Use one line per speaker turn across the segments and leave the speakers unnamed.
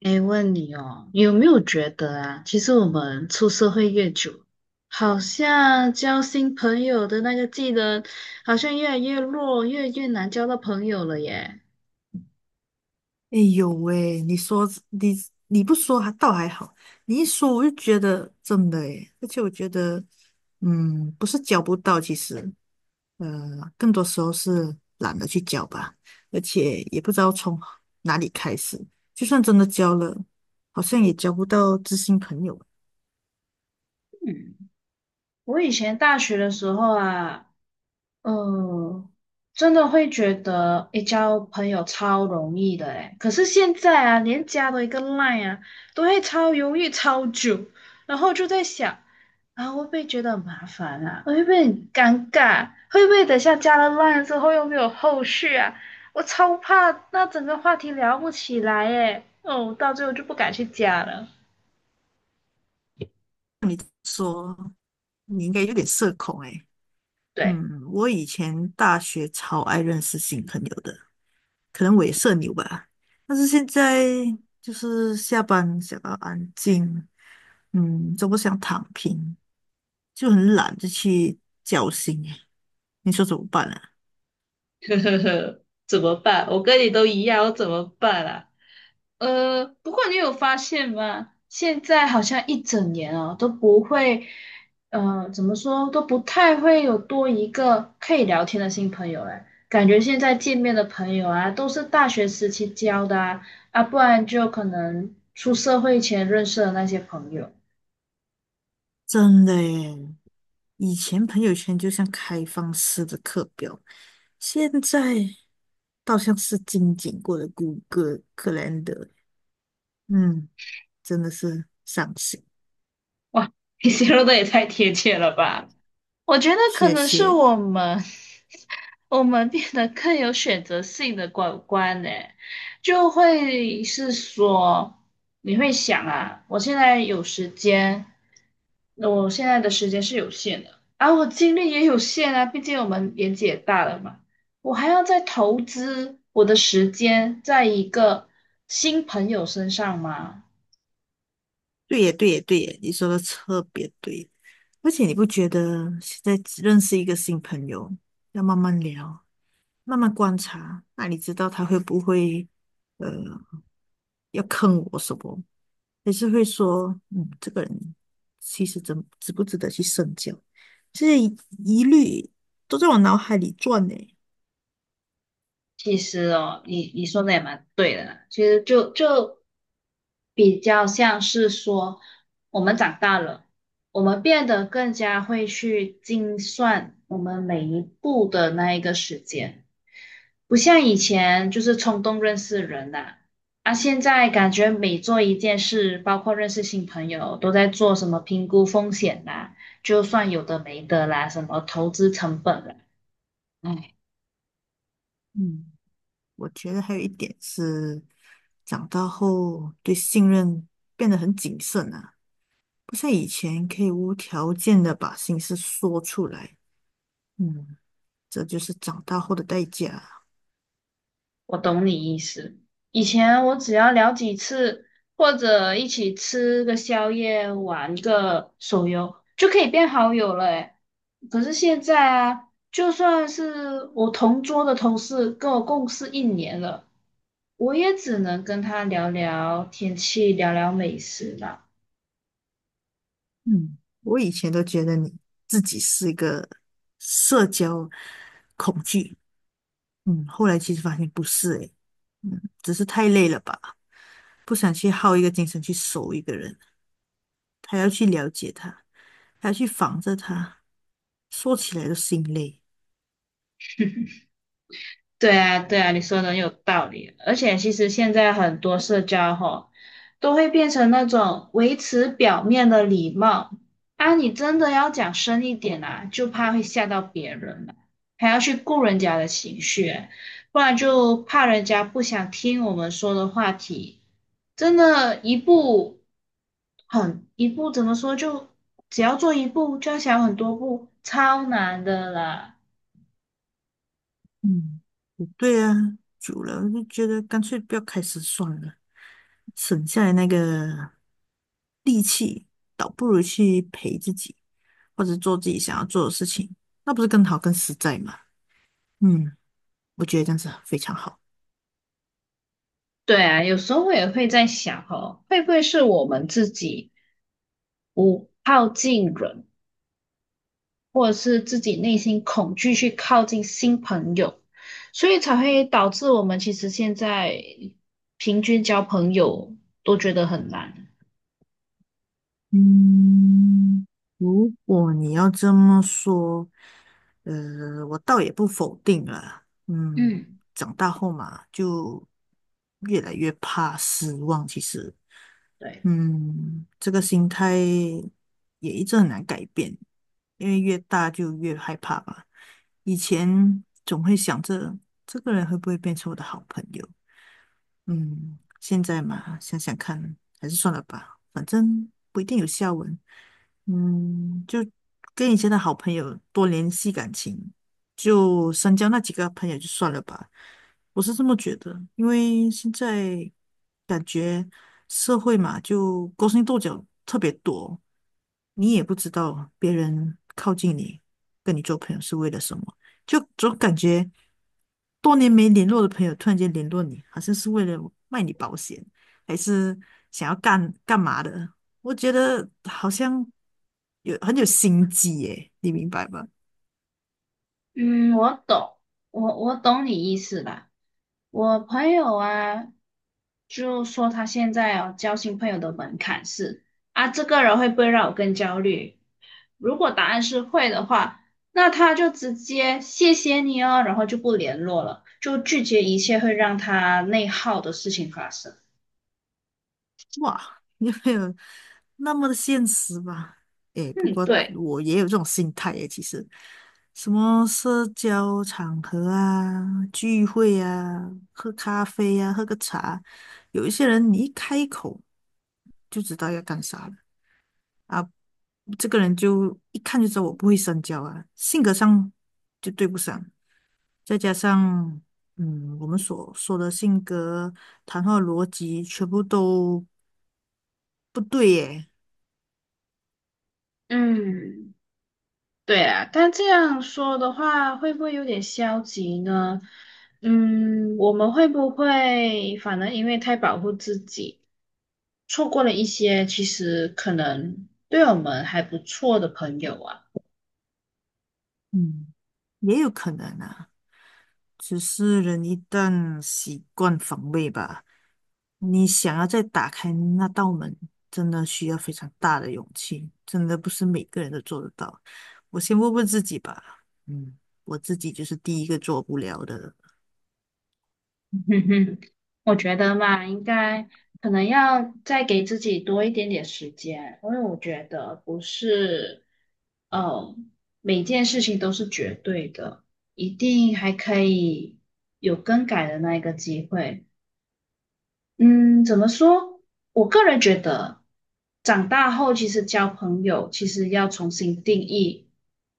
哎，问你哦，有没有觉得啊？其实我们出社会越久，好像交新朋友的那个技能，好像越来越弱，越来越难交到朋友了耶。
哎呦喂，你说你你不说还倒还好，你一说我就觉得真的诶，而且我觉得，嗯，不是交不到，其实，呃，更多时候是懒得去交吧，而且也不知道从哪里开始，就算真的交了，好像也交不到知心朋友。
嗯，我以前大学的时候啊，嗯，真的会觉得诶，交朋友超容易的诶，可是现在啊，连加多一个 line 啊，都会超犹豫超久，然后就在想，啊，会不会觉得很麻烦啊？会不会很尴尬？会不会等下加了 line 之后又没有后续啊？我超怕那整个话题聊不起来诶，哦，我到最后就不敢去加了。
说你应该有点社恐诶。
对。
嗯，我以前大学超爱认识新朋友的。可能我也社牛吧。但是现在就是下班想要安静，嗯，都不想躺平，就很懒就去交心耶。你说怎么办啊？
呵呵呵，怎么办？我跟你都一样，我怎么办啊？不过你有发现吗？现在好像一整年哦都不会，怎么说都不太会有多一个可以聊天的新朋友哎，感觉现在见面的朋友啊，都是大学时期交的啊，啊，不然就可能出社会前认识的那些朋友。
真的耶，以前朋友圈就像开放式的课表，现在倒像是精简过的谷歌克 ALE。 嗯，真的是伤心。
哇，你形容的也太贴切了吧！我觉得可
谢
能是
谢。
我们 我们变得更有选择性的管观呢，就会是说，你会想啊，我现在有时间，那我现在的时间是有限的，而我精力也有限啊，毕竟我们年纪也大了嘛，我还要再投资我的时间在一个新朋友身上吗？
对耶，对耶，对耶，你说的特别对。而且你不觉得现在只认识一个新朋友，要慢慢聊，慢慢观察，那你知道他会不会呃要坑我什么，还是会说嗯这个人其实值不值得去深交，这些疑虑都在我脑海里转呢。
其实哦，你说的也蛮对的啦。其实就比较像是说，我们长大了，我们变得更加会去精算我们每一步的那一个时间，不像以前就是冲动认识人呐、啊。现在感觉每做一件事，包括认识新朋友，都在做什么评估风险啦，就算有的没的啦，什么投资成本啦。
嗯，我觉得还有一点是长大后对信任变得很谨慎啊，不像以前可以无条件的把心事说出来。嗯。这就是长大后的代价。
我懂你意思。以前我只要聊几次，或者一起吃个宵夜、玩个手游，就可以变好友了诶。可是现在啊，就算是我同桌的同事，跟我共事一年了，我也只能跟他聊聊天气、聊聊美食啦。
嗯，我以前都觉得你自己是一个社交恐惧，嗯，后来其实发现不是诶，嗯，只是太累了吧，不想去耗一个精神去熟一个人，还要去了解他，还要去防着他，说起来都心累。
对啊，对啊，你说的很有道理。而且其实现在很多社交吼，都会变成那种维持表面的礼貌啊，你真的要讲深一点啊，就怕会吓到别人啊，还要去顾人家的情绪，不然就怕人家不想听我们说的话题。真的，一步很一步怎么说，就只要做一步，就要想很多步，超难的啦。
嗯。对呀，久了我就觉得干脆不要开始算了，省下来那个力气，倒不如去陪自己，或者做自己想要做的事情，那不是更好更实在吗？嗯，我觉得这样子非常好。
对啊，有时候我也会在想哦，会不会是我们自己不靠近人，或者是自己内心恐惧去靠近新朋友，所以才会导致我们其实现在平均交朋友都觉得很难。
嗯，如果你要这么说，我倒也不否定了。嗯，
嗯
长大后嘛，就越来越怕失望，其实。
对，
嗯，这个心态也一直很难改变，因为越大就越害怕吧。以前总会想着这个人会不会变成我的好朋友，嗯，现在嘛，想想看，还是算了吧，反正不一定有下文。嗯，就跟以前的好朋友多联系感情，就深交那几个朋友就算了吧。我是这么觉得，因为现在感觉社会嘛，就勾心斗角特别多，你也不知道别人靠近你，跟你做朋友是为了什么。就总感觉多年没联络的朋友突然间联络你，好像是为了卖你保险，还是想要干干嘛的？我觉得好像有很有心机耶，你明白吗？
嗯，我懂，我懂你意思啦。我朋友啊，就说他现在哦，交新朋友的门槛是啊，这个人会不会让我更焦虑？如果答案是会的话，那他就直接谢谢你哦，然后就不联络了，就拒绝一切会让他内耗的事情发生。
哇，你没有那么的现实吧？诶，不
嗯，
过
对，
我也有这种心态诶，其实什么社交场合啊、聚会啊、喝咖啡啊、喝个茶，有一些人你一开口就知道要干啥了啊，这个人就一看就知道我不会深交啊，性格上就对不上，再加上嗯，我们所说的性格、谈话逻辑全部都不对耶。
嗯，对啊。但这样说的话，会不会有点消极呢？我们会不会反而因为太保护自己，错过了一些其实可能对我们还不错的朋友啊？
嗯，也有可能啊，只是人一旦习惯防卫吧，你想要再打开那道门，真的需要非常大的勇气，真的不是每个人都做得到。我先问问自己吧，嗯，我自己就是第一个做不了的。
嗯哼，我觉得嘛，应该可能要再给自己多一点点时间，因为我觉得不是，呃，每件事情都是绝对的，一定还可以有更改的那一个机会。嗯，怎么说？我个人觉得，长大后其实交朋友其实要重新定义。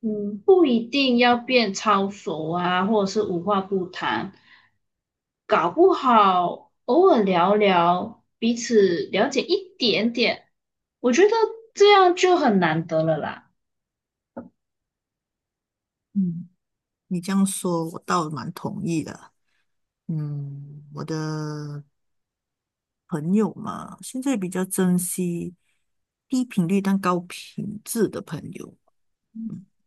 不一定要变超熟啊，或者是无话不谈，搞不好偶尔聊聊，彼此了解一点点，我觉得这样就很难得了啦。
嗯，你这样说，我倒蛮同意的。嗯，我的朋友嘛，现在比较珍惜低频率但高品质的朋友。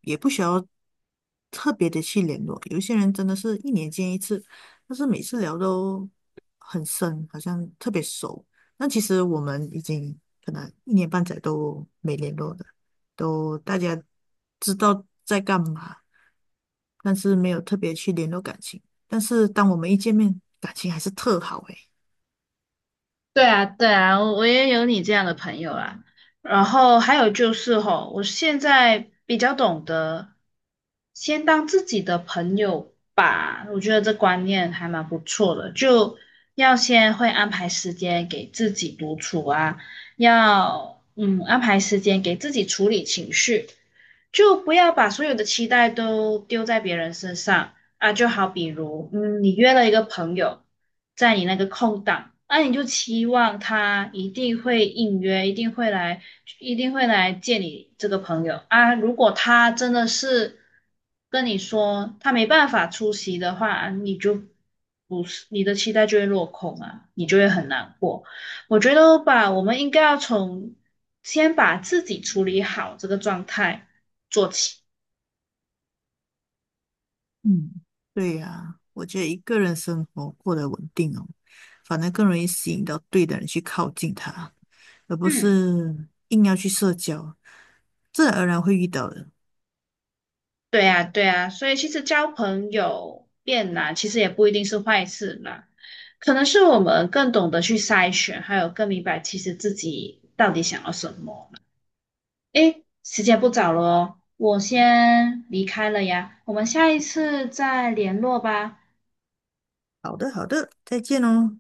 也不需要特别的去联络。有一些人真的是一年见一次，但是每次聊都很深，好像特别熟。那其实我们已经可能一年半载都没联络的，都大家知道在干嘛，但是没有特别去联络感情。但是当我们一见面，感情还是特好诶。
对啊，对啊，我也有你这样的朋友啊。然后还有就是吼，我现在比较懂得先当自己的朋友吧，我觉得这观念还蛮不错的。就要先会安排时间给自己独处啊，要安排时间给自己处理情绪，就不要把所有的期待都丢在别人身上。啊，就好比如，你约了一个朋友，在你那个空档，那、你就期望他一定会应约，一定会来，一定会来见你这个朋友啊。如果他真的是跟你说他没办法出席的话，啊你就不是你的期待就会落空啊，你就会很难过。我觉得吧，我们应该要从先把自己处理好这个状态做起。
嗯，对呀，我觉得一个人生活过得稳定哦，反而更容易吸引到对的人去靠近他，而不
嗯。
是硬要去社交，自然而然会遇到的。
对呀，对呀，所以其实交朋友变难，其实也不一定是坏事啦，可能是我们更懂得去筛选，还有更明白其实自己到底想要什么。诶，时间不早了哦，我先离开了呀，我们下一次再联络吧。
好的，好的，再见哦。